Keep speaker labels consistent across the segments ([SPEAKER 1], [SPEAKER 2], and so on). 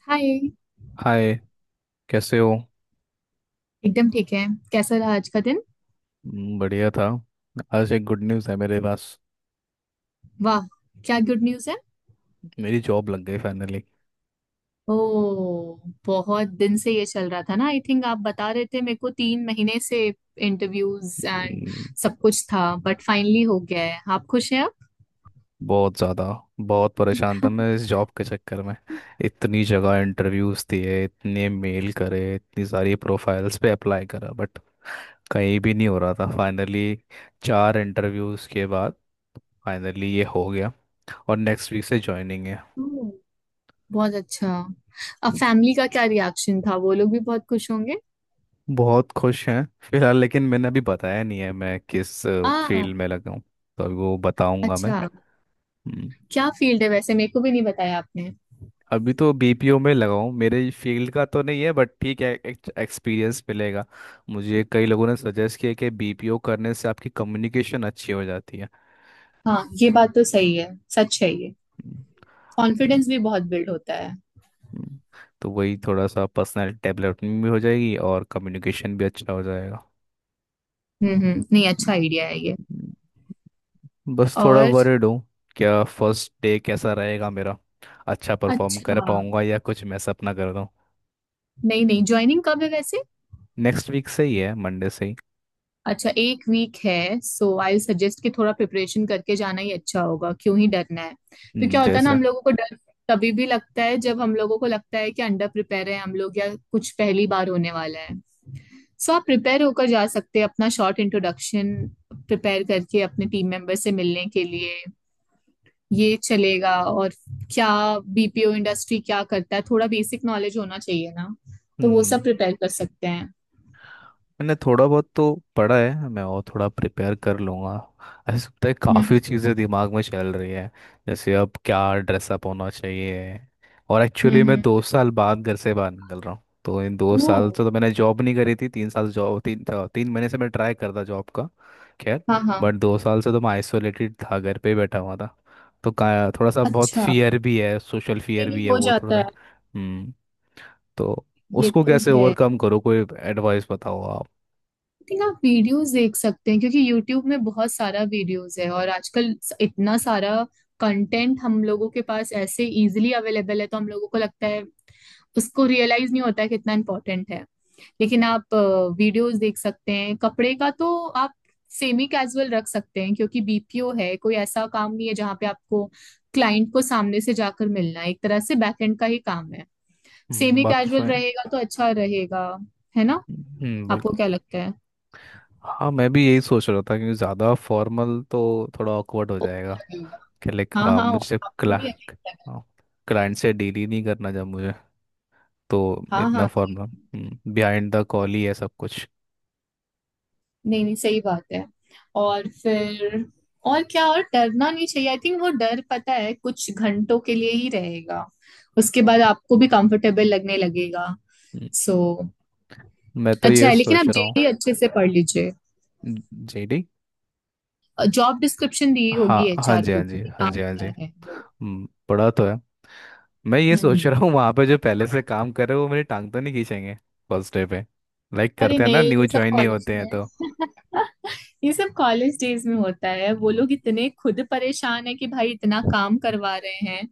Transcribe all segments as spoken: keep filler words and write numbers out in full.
[SPEAKER 1] हाय।
[SPEAKER 2] Hi. कैसे हो?
[SPEAKER 1] एकदम ठीक है। कैसा रहा आज का दिन?
[SPEAKER 2] हम्म, बढ़िया था। आज एक गुड न्यूज़ है मेरे पास।
[SPEAKER 1] वाह! क्या गुड न्यूज़ है?
[SPEAKER 2] मेरी जॉब लग गई फाइनली।
[SPEAKER 1] ओ, बहुत दिन से ये चल रहा था ना, आई थिंक आप बता रहे थे मेरे को तीन महीने से इंटरव्यूज एंड
[SPEAKER 2] हम्म,
[SPEAKER 1] सब कुछ था, बट फाइनली हो गया है। आप खुश हैं अब?
[SPEAKER 2] बहुत ज़्यादा। बहुत परेशान था मैं इस जॉब के चक्कर में। इतनी जगह इंटरव्यूज़ दिए, इतने मेल करे, इतनी सारी प्रोफाइल्स पे अप्लाई करा, बट कहीं भी नहीं हो रहा था। फाइनली चार इंटरव्यूज़ के बाद फाइनली ये हो गया। और नेक्स्ट वीक से ज्वाइनिंग है।
[SPEAKER 1] ओह, बहुत अच्छा। अब फैमिली का क्या रिएक्शन था? वो लोग भी बहुत खुश होंगे।
[SPEAKER 2] बहुत खुश हैं फिलहाल। लेकिन मैंने अभी बताया नहीं है मैं किस
[SPEAKER 1] आ,
[SPEAKER 2] फील्ड में लगा हूँ। तो अभी वो बताऊंगा मैं।
[SPEAKER 1] अच्छा।
[SPEAKER 2] हम्म।
[SPEAKER 1] क्या फील्ड है वैसे? मेरे को भी नहीं बताया आपने।
[SPEAKER 2] अभी तो बी पी ओ में लगा हूँ। मेरे फील्ड का तो नहीं है, बट ठीक है। एक्सपीरियंस मिलेगा। मुझे कई लोगों ने सजेस्ट किया कि बी पी ओ करने से आपकी कम्युनिकेशन अच्छी हो जाती है।
[SPEAKER 1] हाँ, ये बात तो सही है। सच है ये।
[SPEAKER 2] हम्म। लेकिन
[SPEAKER 1] कॉन्फिडेंस भी बहुत बिल्ड होता है।
[SPEAKER 2] हम्म, तो वही थोड़ा सा पर्सनल डेवलपमेंट भी हो जाएगी और कम्युनिकेशन भी अच्छा हो जाएगा।
[SPEAKER 1] हम्म हम्म, नहीं, अच्छा
[SPEAKER 2] हम्म।
[SPEAKER 1] आइडिया है ये।
[SPEAKER 2] बस थोड़ा
[SPEAKER 1] और,
[SPEAKER 2] वरिड हूँ। क्या फर्स्ट डे कैसा रहेगा मेरा? अच्छा परफॉर्म कर
[SPEAKER 1] अच्छा,
[SPEAKER 2] पाऊंगा, या कुछ मैं सपना कर दूँ?
[SPEAKER 1] नहीं नहीं, ज्वाइनिंग कब है वैसे?
[SPEAKER 2] नेक्स्ट वीक से ही है, मंडे से ही।
[SPEAKER 1] अच्छा, एक वीक है। सो आई सजेस्ट कि थोड़ा प्रिपरेशन करके जाना ही अच्छा होगा। क्यों ही डरना है तो
[SPEAKER 2] हम्म,
[SPEAKER 1] क्या होता है ना,
[SPEAKER 2] जैसे
[SPEAKER 1] हम लोगों को डर तभी भी लगता है जब हम लोगों को लगता है कि अंडर प्रिपेयर है हम लोग या कुछ पहली बार होने वाला है। सो आप प्रिपेयर होकर जा सकते हैं अपना शॉर्ट इंट्रोडक्शन प्रिपेयर करके, अपने टीम मेंबर से मिलने के लिए। ये चलेगा। और क्या, बीपीओ इंडस्ट्री क्या करता है, थोड़ा बेसिक नॉलेज होना चाहिए ना। तो वो सब
[SPEAKER 2] हम्म।
[SPEAKER 1] प्रिपेयर कर सकते हैं।
[SPEAKER 2] मैंने थोड़ा बहुत तो पढ़ा है। मैं और थोड़ा प्रिपेयर कर लूँगा। ऐसा लगता है
[SPEAKER 1] हम्म
[SPEAKER 2] काफ़ी चीज़ें दिमाग में चल रही है, जैसे अब क्या ड्रेसअप होना चाहिए। और
[SPEAKER 1] हम्म
[SPEAKER 2] एक्चुअली मैं
[SPEAKER 1] हम्म।
[SPEAKER 2] दो साल बाद घर से बाहर निकल रहा हूँ, तो इन दो
[SPEAKER 1] ओ,
[SPEAKER 2] साल से तो मैंने जॉब नहीं करी थी। तीन साल जॉब तीन तीन महीने से मैं ट्राई करता जॉब का। खैर।
[SPEAKER 1] हाँ हाँ,
[SPEAKER 2] बट दो साल से तो मैं आइसोलेटेड था, घर पे ही बैठा हुआ था। तो का थोड़ा सा बहुत
[SPEAKER 1] अच्छा,
[SPEAKER 2] फियर भी है, सोशल
[SPEAKER 1] ये
[SPEAKER 2] फियर
[SPEAKER 1] भी
[SPEAKER 2] भी है
[SPEAKER 1] हो
[SPEAKER 2] वो थोड़ा
[SPEAKER 1] जाता है।
[SPEAKER 2] सा। हम्म। तो
[SPEAKER 1] ये
[SPEAKER 2] उसको
[SPEAKER 1] तो
[SPEAKER 2] कैसे
[SPEAKER 1] है। आई
[SPEAKER 2] ओवरकम करो? कोई एडवाइस बताओ।
[SPEAKER 1] थिंक आप वीडियोस देख सकते हैं क्योंकि यूट्यूब में बहुत सारा वीडियोस है, और आजकल स- इतना सारा कंटेंट हम लोगों के पास ऐसे इजीली अवेलेबल है तो हम लोगों को लगता है, उसको रियलाइज नहीं होता है कितना इम्पोर्टेंट है। लेकिन आप वीडियोस देख सकते हैं। कपड़े का तो आप सेमी कैजुअल रख सकते हैं क्योंकि बीपीओ है, कोई ऐसा काम नहीं है जहाँ पे आपको क्लाइंट को सामने से जाकर मिलना है, एक तरह से बैकएंड का ही काम है।
[SPEAKER 2] हम्म,
[SPEAKER 1] सेमी
[SPEAKER 2] बात तो
[SPEAKER 1] कैजुअल
[SPEAKER 2] सही है।
[SPEAKER 1] रहेगा तो अच्छा रहेगा, है ना?
[SPEAKER 2] हम्म,
[SPEAKER 1] आपको
[SPEAKER 2] बिल्कुल।
[SPEAKER 1] क्या लगता है?
[SPEAKER 2] हाँ, मैं भी यही सोच रहा था क्योंकि ज़्यादा फॉर्मल तो थोड़ा ऑकवर्ड हो जाएगा। कि लाइक
[SPEAKER 1] हाँ
[SPEAKER 2] हाँ,
[SPEAKER 1] हाँ,
[SPEAKER 2] मुझे
[SPEAKER 1] आपको
[SPEAKER 2] क्ला
[SPEAKER 1] भी अच्छा लगेगा।
[SPEAKER 2] हाँ, क्लाइंट से डील ही नहीं करना जब मुझे, तो
[SPEAKER 1] हाँ
[SPEAKER 2] इतना
[SPEAKER 1] हाँ,
[SPEAKER 2] फॉर्मल। बिहाइंड द कॉल ही है सब कुछ।
[SPEAKER 1] नहीं नहीं, सही बात है। और फिर, और क्या, और डरना नहीं चाहिए आई थिंक। वो डर पता है कुछ घंटों के लिए ही रहेगा, उसके बाद आपको भी कंफर्टेबल लगने लगेगा।
[SPEAKER 2] हम्म,
[SPEAKER 1] सो
[SPEAKER 2] मैं तो
[SPEAKER 1] अच्छा
[SPEAKER 2] ये
[SPEAKER 1] है, लेकिन आप
[SPEAKER 2] सोच रहा हूँ।
[SPEAKER 1] जेडी अच्छे से पढ़ लीजिए।
[SPEAKER 2] जे डी?
[SPEAKER 1] जॉब डिस्क्रिप्शन दी होगी
[SPEAKER 2] हाँ हाँ,
[SPEAKER 1] एचआर
[SPEAKER 2] जी
[SPEAKER 1] को
[SPEAKER 2] हाँ, जी
[SPEAKER 1] कि
[SPEAKER 2] हाँ,
[SPEAKER 1] काम
[SPEAKER 2] जी हाँ, जी।
[SPEAKER 1] क्या है वो।
[SPEAKER 2] हम्म, पढ़ा तो है। मैं ये
[SPEAKER 1] हम्म
[SPEAKER 2] सोच
[SPEAKER 1] हम्म।
[SPEAKER 2] रहा हूँ वहाँ पे जो पहले से काम कर रहे हैं, वो मेरी टांग तो नहीं खींचेंगे फर्स्ट डे पे? लाइक
[SPEAKER 1] अरे
[SPEAKER 2] करते हैं ना,
[SPEAKER 1] नहीं,
[SPEAKER 2] न्यू
[SPEAKER 1] ये सब
[SPEAKER 2] ज्वाइन ही
[SPEAKER 1] कॉलेज
[SPEAKER 2] होते हैं
[SPEAKER 1] में
[SPEAKER 2] तो।
[SPEAKER 1] ये सब कॉलेज डेज में होता है। वो
[SPEAKER 2] हम्म,
[SPEAKER 1] लोग इतने खुद परेशान है कि भाई इतना काम करवा रहे हैं।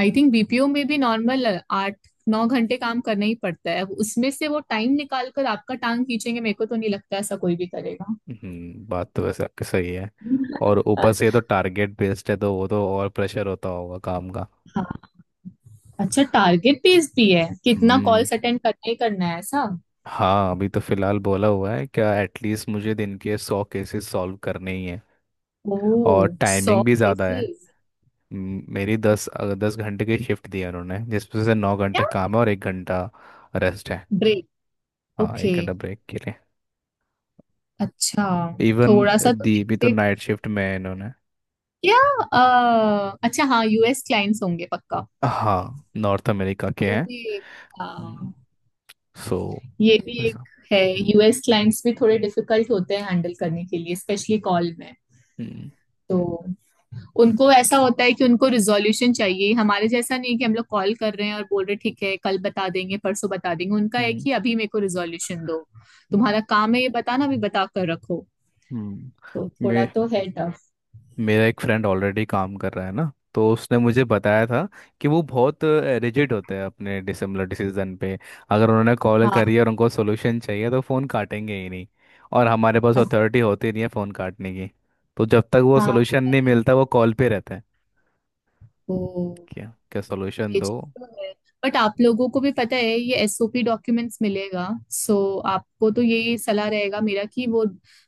[SPEAKER 1] आई थिंक बीपीओ में भी नॉर्मल आठ नौ घंटे काम करना ही पड़ता है, उसमें से वो टाइम निकाल कर आपका टांग खींचेंगे? मेरे को तो नहीं लगता ऐसा कोई भी करेगा।
[SPEAKER 2] हम्म। बात तो वैसे आपकी सही है। और ऊपर से ये तो टारगेट बेस्ड है, तो वो तो और प्रेशर होता होगा काम का।
[SPEAKER 1] हाँ, अच्छा टारगेट बेस्ड भी है? कितना
[SPEAKER 2] हम्म।
[SPEAKER 1] कॉल्स अटेंड करना ही करना है, ऐसा?
[SPEAKER 2] हाँ, अभी तो फिलहाल बोला हुआ है क्या, एटलीस्ट मुझे दिन के सौ केसेस सॉल्व करने ही हैं।
[SPEAKER 1] ओह,
[SPEAKER 2] और
[SPEAKER 1] सौ
[SPEAKER 2] टाइमिंग भी ज़्यादा है।
[SPEAKER 1] केसेस
[SPEAKER 2] हम्म, मेरी दस अ, दस घंटे की शिफ्ट दी है उन्होंने, जिसमें से नौ
[SPEAKER 1] क्या?
[SPEAKER 2] घंटे काम है और एक घंटा रेस्ट है।
[SPEAKER 1] ब्रेक?
[SPEAKER 2] हाँ,
[SPEAKER 1] ओके,
[SPEAKER 2] एक घंटा ब्रेक के लिए।
[SPEAKER 1] अच्छा।
[SPEAKER 2] इवन
[SPEAKER 1] थोड़ा सा तो
[SPEAKER 2] दी भी तो
[SPEAKER 1] hectic-
[SPEAKER 2] नाइट शिफ्ट में है इन्होंने।
[SPEAKER 1] क्या? अ, अच्छा, हाँ, यूएस क्लाइंट्स होंगे पक्का।
[SPEAKER 2] हाँ, नॉर्थ अमेरिका के हैं।
[SPEAKER 1] ओके।
[SPEAKER 2] हम्म, सो
[SPEAKER 1] ये भी एक
[SPEAKER 2] ऐसा।
[SPEAKER 1] है। यूएस क्लाइंट्स भी थोड़े डिफिकल्ट होते हैं हैंडल करने के लिए, स्पेशली कॉल में। तो उनको ऐसा होता है कि उनको रिजोल्यूशन चाहिए। हमारे जैसा नहीं कि हम लोग कॉल कर रहे हैं और बोल रहे ठीक है कल बता देंगे परसों बता देंगे। उनका है
[SPEAKER 2] हम्म,
[SPEAKER 1] कि अभी मेरे को रिजोल्यूशन दो,
[SPEAKER 2] हम्म,
[SPEAKER 1] तुम्हारा काम है ये बताना, अभी बता कर रखो।
[SPEAKER 2] हम्म।
[SPEAKER 1] तो थोड़ा
[SPEAKER 2] मे,
[SPEAKER 1] तो है टफ।
[SPEAKER 2] मेरा एक फ्रेंड ऑलरेडी काम कर रहा है ना, तो उसने मुझे बताया था कि वो बहुत रिजिड होते हैं अपने डिसिमिलर डिसीजन पे। अगर उन्होंने कॉल
[SPEAKER 1] हाँ,
[SPEAKER 2] करी और उनको सोल्यूशन चाहिए तो फ़ोन काटेंगे ही नहीं। और हमारे पास
[SPEAKER 1] अ-
[SPEAKER 2] अथॉरिटी होती नहीं है फ़ोन काटने की। तो जब तक वो
[SPEAKER 1] हाँ,
[SPEAKER 2] सोल्यूशन नहीं मिलता वो कॉल पे रहता है।
[SPEAKER 1] ओ,
[SPEAKER 2] क्या क्या सोल्यूशन
[SPEAKER 1] ये
[SPEAKER 2] दो।
[SPEAKER 1] चीज तो है, बट आप लोगों को भी पता है, ये एसओपी डॉक्यूमेंट्स मिलेगा। सो आपको तो यही सलाह रहेगा मेरा कि वो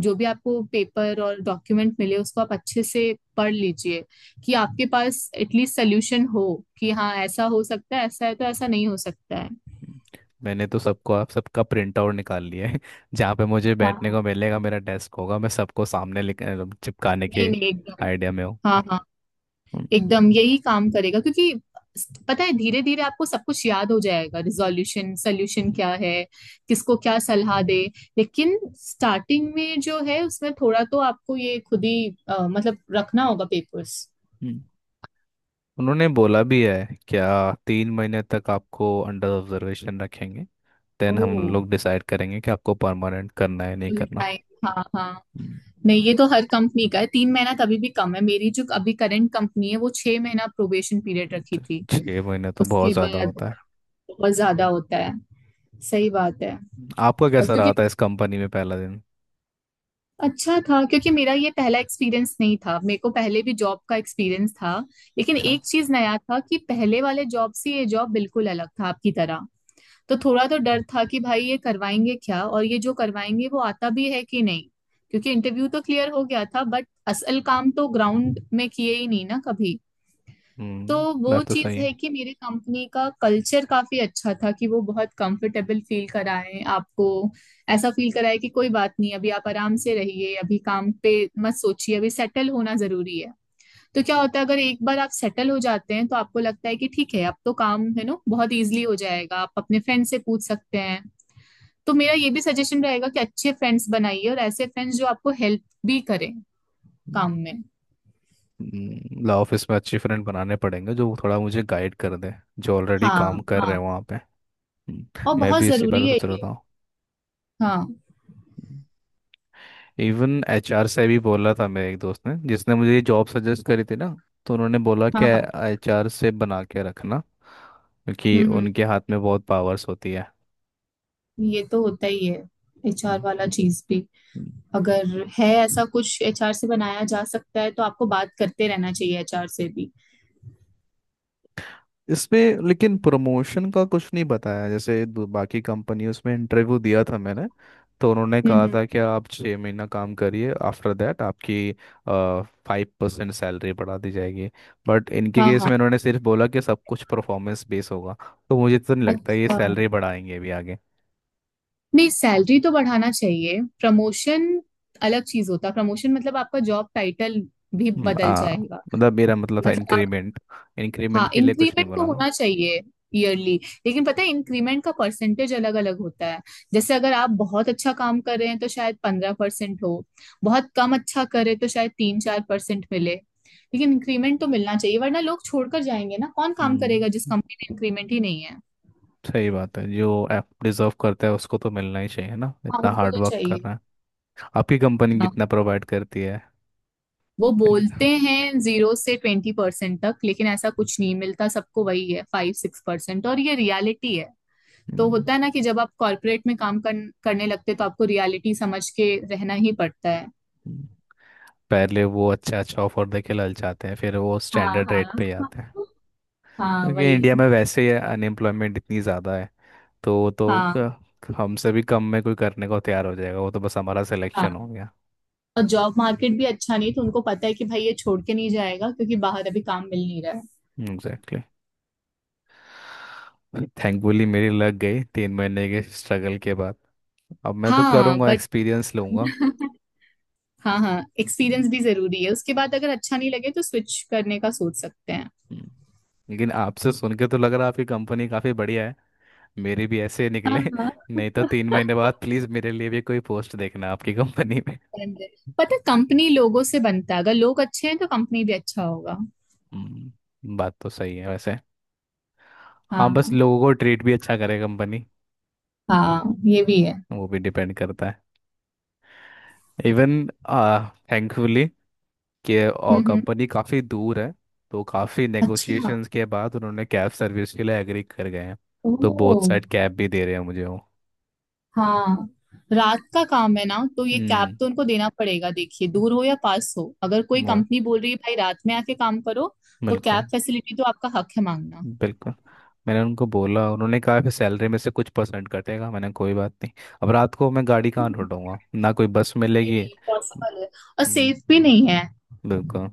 [SPEAKER 1] जो भी आपको पेपर और डॉक्यूमेंट मिले उसको आप अच्छे से पढ़ लीजिए, कि आपके पास एटलीस्ट सोल्यूशन हो, कि हाँ ऐसा हो सकता है, ऐसा है तो ऐसा नहीं हो सकता है।
[SPEAKER 2] हम्म, मैंने तो सबको, आप सबका प्रिंट आउट निकाल लिया है। जहाँ पे मुझे
[SPEAKER 1] हाँ
[SPEAKER 2] बैठने
[SPEAKER 1] हाँ,
[SPEAKER 2] को मिलेगा, मेरा डेस्क होगा, मैं सबको सामने लिख मतलब चिपकाने
[SPEAKER 1] नहीं
[SPEAKER 2] के
[SPEAKER 1] नहीं, एकदम,
[SPEAKER 2] आइडिया में हूँ।
[SPEAKER 1] हाँ हाँ।
[SPEAKER 2] हम्म,
[SPEAKER 1] हम्म, एकदम यही काम करेगा क्योंकि पता है धीरे धीरे आपको सब कुछ याद हो जाएगा, रिजोल्यूशन सोल्यूशन
[SPEAKER 2] हम्म,
[SPEAKER 1] क्या है, किसको क्या सलाह दे। लेकिन स्टार्टिंग में जो है उसमें थोड़ा तो आपको ये खुद ही अ, मतलब रखना होगा पेपर्स।
[SPEAKER 2] हम्म। उन्होंने बोला भी है, क्या तीन महीने तक आपको अंडर ऑब्जर्वेशन रखेंगे, देन
[SPEAKER 1] ओ,
[SPEAKER 2] हम लोग डिसाइड करेंगे कि आपको परमानेंट करना है नहीं
[SPEAKER 1] फुल
[SPEAKER 2] करना।
[SPEAKER 1] टाइम, हाँ हाँ।
[SPEAKER 2] हम्म,
[SPEAKER 1] नहीं, ये तो हर कंपनी का है। तीन महीना तभी भी कम है। मेरी जो अभी करंट कंपनी है वो छह महीना प्रोबेशन पीरियड
[SPEAKER 2] हम्म।
[SPEAKER 1] रखी
[SPEAKER 2] तो
[SPEAKER 1] थी।
[SPEAKER 2] छः महीने तो बहुत
[SPEAKER 1] उसके
[SPEAKER 2] ज़्यादा
[SPEAKER 1] बाद
[SPEAKER 2] होता है।
[SPEAKER 1] बहुत ज्यादा होता है, सही बात है।
[SPEAKER 2] आपका
[SPEAKER 1] और
[SPEAKER 2] कैसा रहा
[SPEAKER 1] क्योंकि
[SPEAKER 2] था इस कंपनी में पहला दिन?
[SPEAKER 1] अच्छा था क्योंकि मेरा ये पहला एक्सपीरियंस नहीं था, मेरे को पहले भी जॉब का एक्सपीरियंस था। लेकिन
[SPEAKER 2] अच्छा।
[SPEAKER 1] एक चीज नया था कि पहले वाले जॉब से ये जॉब बिल्कुल अलग था, आपकी तरह। तो थोड़ा तो डर था कि भाई ये करवाएंगे क्या, और ये जो करवाएंगे वो आता भी है कि नहीं, क्योंकि इंटरव्यू तो क्लियर हो गया था बट असल काम तो ग्राउंड में किए ही नहीं ना कभी। तो
[SPEAKER 2] हम्म मैं
[SPEAKER 1] वो
[SPEAKER 2] तो
[SPEAKER 1] चीज़
[SPEAKER 2] सही
[SPEAKER 1] है कि मेरे कंपनी का कल्चर काफी अच्छा था, कि वो बहुत कंफर्टेबल फील कराएं आपको। ऐसा फील कराए कि कोई बात नहीं, अभी आप आराम से रहिए, अभी काम पे मत सोचिए, अभी सेटल होना जरूरी है। तो क्या होता है, अगर एक बार आप सेटल हो जाते हैं तो आपको लगता है कि ठीक है, अब तो काम है ना, बहुत इजीली हो जाएगा, आप अपने फ्रेंड से पूछ सकते हैं। तो मेरा ये भी सजेशन रहेगा कि अच्छे फ्रेंड्स बनाइए, और ऐसे फ्रेंड्स जो आपको हेल्प भी करें
[SPEAKER 2] है।
[SPEAKER 1] काम में।
[SPEAKER 2] हम्म, ला ऑफिस में अच्छे फ्रेंड बनाने पड़ेंगे जो थोड़ा मुझे गाइड कर दें, जो ऑलरेडी काम
[SPEAKER 1] हाँ
[SPEAKER 2] कर
[SPEAKER 1] हाँ,
[SPEAKER 2] रहे हैं वहाँ पे। हम्म,
[SPEAKER 1] और
[SPEAKER 2] मैं
[SPEAKER 1] बहुत
[SPEAKER 2] भी इसी बारे
[SPEAKER 1] जरूरी
[SPEAKER 2] में
[SPEAKER 1] है
[SPEAKER 2] सोच रहा
[SPEAKER 1] ये।
[SPEAKER 2] था।
[SPEAKER 1] हाँ
[SPEAKER 2] इवन एच आर से भी बोला था मेरे एक दोस्त ने जिसने मुझे ये जॉब सजेस्ट करी थी ना। तो उन्होंने बोला कि
[SPEAKER 1] हाँ हाँ,
[SPEAKER 2] एच आर से बना के रखना क्योंकि
[SPEAKER 1] हम्म हम्म,
[SPEAKER 2] उनके हाथ में बहुत पावर्स होती है।
[SPEAKER 1] ये तो होता ही है। एचआर
[SPEAKER 2] हम्म,
[SPEAKER 1] वाला चीज भी, अगर है
[SPEAKER 2] हम्म।
[SPEAKER 1] ऐसा कुछ एचआर से बनाया जा सकता है तो आपको बात करते रहना चाहिए एचआर से भी।
[SPEAKER 2] इसमें लेकिन प्रमोशन का कुछ नहीं बताया। जैसे दू- बाकी कंपनियों में इंटरव्यू दिया था मैंने, तो उन्होंने
[SPEAKER 1] हम्म
[SPEAKER 2] कहा
[SPEAKER 1] हम्म,
[SPEAKER 2] था कि आप छः महीना काम करिए, आफ्टर दैट आपकी फाइव परसेंट सैलरी बढ़ा दी जाएगी। बट इनके
[SPEAKER 1] हाँ
[SPEAKER 2] केस
[SPEAKER 1] हाँ,
[SPEAKER 2] में उन्होंने सिर्फ बोला कि सब कुछ परफॉर्मेंस बेस होगा। तो मुझे तो नहीं लगता ये
[SPEAKER 1] अच्छा,
[SPEAKER 2] सैलरी बढ़ाएंगे अभी आगे।
[SPEAKER 1] नहीं सैलरी तो बढ़ाना चाहिए। प्रमोशन अलग चीज होता है, प्रमोशन मतलब आपका जॉब टाइटल भी
[SPEAKER 2] हम्म,
[SPEAKER 1] बदल
[SPEAKER 2] आ,
[SPEAKER 1] जाएगा।
[SPEAKER 2] मतलब मेरा मतलब था
[SPEAKER 1] मतलब,
[SPEAKER 2] इंक्रीमेंट। इंक्रीमेंट
[SPEAKER 1] हाँ
[SPEAKER 2] के लिए कुछ नहीं
[SPEAKER 1] इंक्रीमेंट तो
[SPEAKER 2] बोला।
[SPEAKER 1] होना चाहिए ईयरली। लेकिन पता है इंक्रीमेंट का परसेंटेज अलग अलग होता है। जैसे अगर आप बहुत अच्छा काम कर रहे हैं तो शायद पंद्रह परसेंट हो, बहुत कम अच्छा करे तो शायद तीन चार परसेंट मिले, लेकिन इंक्रीमेंट तो मिलना चाहिए वरना लोग छोड़कर जाएंगे ना, कौन काम करेगा जिस
[SPEAKER 2] हम्म
[SPEAKER 1] कंपनी में इंक्रीमेंट ही नहीं है।
[SPEAKER 2] सही बात है। जो ऐप डिजर्व करता है उसको तो मिलना ही चाहिए ना,
[SPEAKER 1] हाँ,
[SPEAKER 2] इतना
[SPEAKER 1] उनको
[SPEAKER 2] हार्ड
[SPEAKER 1] तो
[SPEAKER 2] वर्क कर
[SPEAKER 1] चाहिए।
[SPEAKER 2] रहा है। आपकी कंपनी
[SPEAKER 1] हाँ,
[SPEAKER 2] कितना प्रोवाइड करती है?
[SPEAKER 1] वो
[SPEAKER 2] मैंने
[SPEAKER 1] बोलते
[SPEAKER 2] कहा,
[SPEAKER 1] हैं जीरो से ट्वेंटी परसेंट तक लेकिन ऐसा कुछ नहीं मिलता सबको, वही है फाइव सिक्स परसेंट, और ये रियलिटी है। तो
[SPEAKER 2] "हम्म,
[SPEAKER 1] होता है ना कि जब आप कॉर्पोरेट में काम कर, करने लगते हो, तो आपको रियलिटी समझ के रहना ही पड़ता है।
[SPEAKER 2] हम्म।" पहले वो अच्छा अच्छा ऑफर देके ललचाते हैं, फिर वो
[SPEAKER 1] हाँ
[SPEAKER 2] स्टैंडर्ड रेट
[SPEAKER 1] हाँ,
[SPEAKER 2] पे ही आते हैं।
[SPEAKER 1] हाँ
[SPEAKER 2] क्योंकि
[SPEAKER 1] वही,
[SPEAKER 2] इंडिया में वैसे ही अनएम्प्लॉयमेंट इतनी ज़्यादा है, तो वो तो
[SPEAKER 1] हाँ
[SPEAKER 2] क- हमसे भी कम में कोई करने को तैयार हो जाएगा। वो तो बस हमारा सिलेक्शन
[SPEAKER 1] हाँ,
[SPEAKER 2] हो गया।
[SPEAKER 1] और जॉब मार्केट भी अच्छा नहीं, तो उनको पता है कि भाई ये छोड़ के नहीं जाएगा क्योंकि बाहर अभी काम मिल नहीं रहा है।
[SPEAKER 2] एग्जैक्टली। थैंकफुली मेरी लग गई तीन महीने के स्ट्रगल के बाद। अब मैं तो
[SPEAKER 1] हाँ
[SPEAKER 2] करूँगा,
[SPEAKER 1] बट
[SPEAKER 2] एक्सपीरियंस लूँगा।
[SPEAKER 1] हाँ हाँ,
[SPEAKER 2] हम्म,
[SPEAKER 1] एक्सपीरियंस भी जरूरी है। उसके बाद अगर अच्छा नहीं लगे तो स्विच करने का सोच सकते हैं।
[SPEAKER 2] हम्म। लेकिन आपसे सुन के तो लग रहा है आपकी कंपनी काफ़ी बढ़िया है। मेरे भी ऐसे निकले।
[SPEAKER 1] हाँ,
[SPEAKER 2] नहीं तो तीन महीने बाद प्लीज मेरे लिए भी कोई पोस्ट देखना आपकी कंपनी में।
[SPEAKER 1] समझे? पता, कंपनी लोगों से बनता है, अगर लोग अच्छे हैं तो कंपनी भी अच्छा होगा।
[SPEAKER 2] हम्म, बात तो सही है वैसे। हाँ, बस
[SPEAKER 1] हाँ
[SPEAKER 2] लोगों को ट्रीट भी अच्छा करे कंपनी।
[SPEAKER 1] हाँ, ये भी है।
[SPEAKER 2] वो भी डिपेंड करता है। इवन थैंकफुली कि
[SPEAKER 1] हम्म, हम्म।
[SPEAKER 2] कंपनी काफ़ी दूर है, तो काफ़ी
[SPEAKER 1] अच्छा,
[SPEAKER 2] नेगोशिएशंस के बाद उन्होंने कैब सर्विस के लिए एग्री कर गए हैं। तो बोथ
[SPEAKER 1] ओह,
[SPEAKER 2] साइड कैब भी दे रहे हैं मुझे वो।
[SPEAKER 1] हाँ, रात का काम है ना तो ये कैब
[SPEAKER 2] हम्म।
[SPEAKER 1] तो उनको देना पड़ेगा। देखिए दूर हो या पास हो, अगर कोई
[SPEAKER 2] वो,
[SPEAKER 1] कंपनी बोल रही है भाई रात में आके काम करो, तो कैब
[SPEAKER 2] बिल्कुल
[SPEAKER 1] फैसिलिटी तो आपका हक है मांगना।
[SPEAKER 2] बिल्कुल। मैंने उनको बोला, उन्होंने कहा कि सैलरी में से कुछ परसेंट कटेगा, मैंने कोई बात नहीं। अब रात को मैं गाड़ी कहाँ ढूंढूंगा ना, कोई बस
[SPEAKER 1] नहीं
[SPEAKER 2] मिलेगी?
[SPEAKER 1] नहीं, पॉसिबल है। और
[SPEAKER 2] हम्म,
[SPEAKER 1] सेफ भी नहीं है।
[SPEAKER 2] बिल्कुल।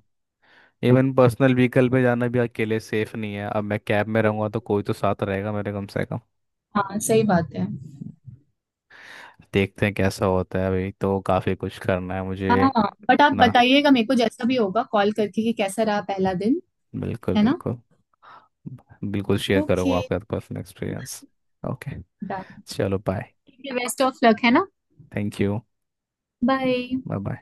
[SPEAKER 2] इवन पर्सनल व्हीकल पे जाना भी अकेले सेफ नहीं है। अब मैं कैब में रहूंगा तो कोई तो साथ रहेगा मेरे कम से कम।
[SPEAKER 1] हाँ, सही बात है।
[SPEAKER 2] देखते हैं कैसा होता है, अभी तो काफ़ी कुछ करना है मुझे।
[SPEAKER 1] हाँ, बट आप
[SPEAKER 2] ना,
[SPEAKER 1] बताइएगा मेरे को जैसा भी होगा, कॉल करके कि कैसा रहा पहला दिन,
[SPEAKER 2] बिल्कुल
[SPEAKER 1] है ना?
[SPEAKER 2] बिल्कुल। बिल्कुल शेयर
[SPEAKER 1] ओके,
[SPEAKER 2] करूंगा आपका पर्सनल एक्सपीरियंस। ओके।
[SPEAKER 1] डन।
[SPEAKER 2] चलो बाय।
[SPEAKER 1] ठीक है, बेस्ट ऑफ लक, है ना?
[SPEAKER 2] Thank you.
[SPEAKER 1] Bye.
[SPEAKER 2] Bye bye.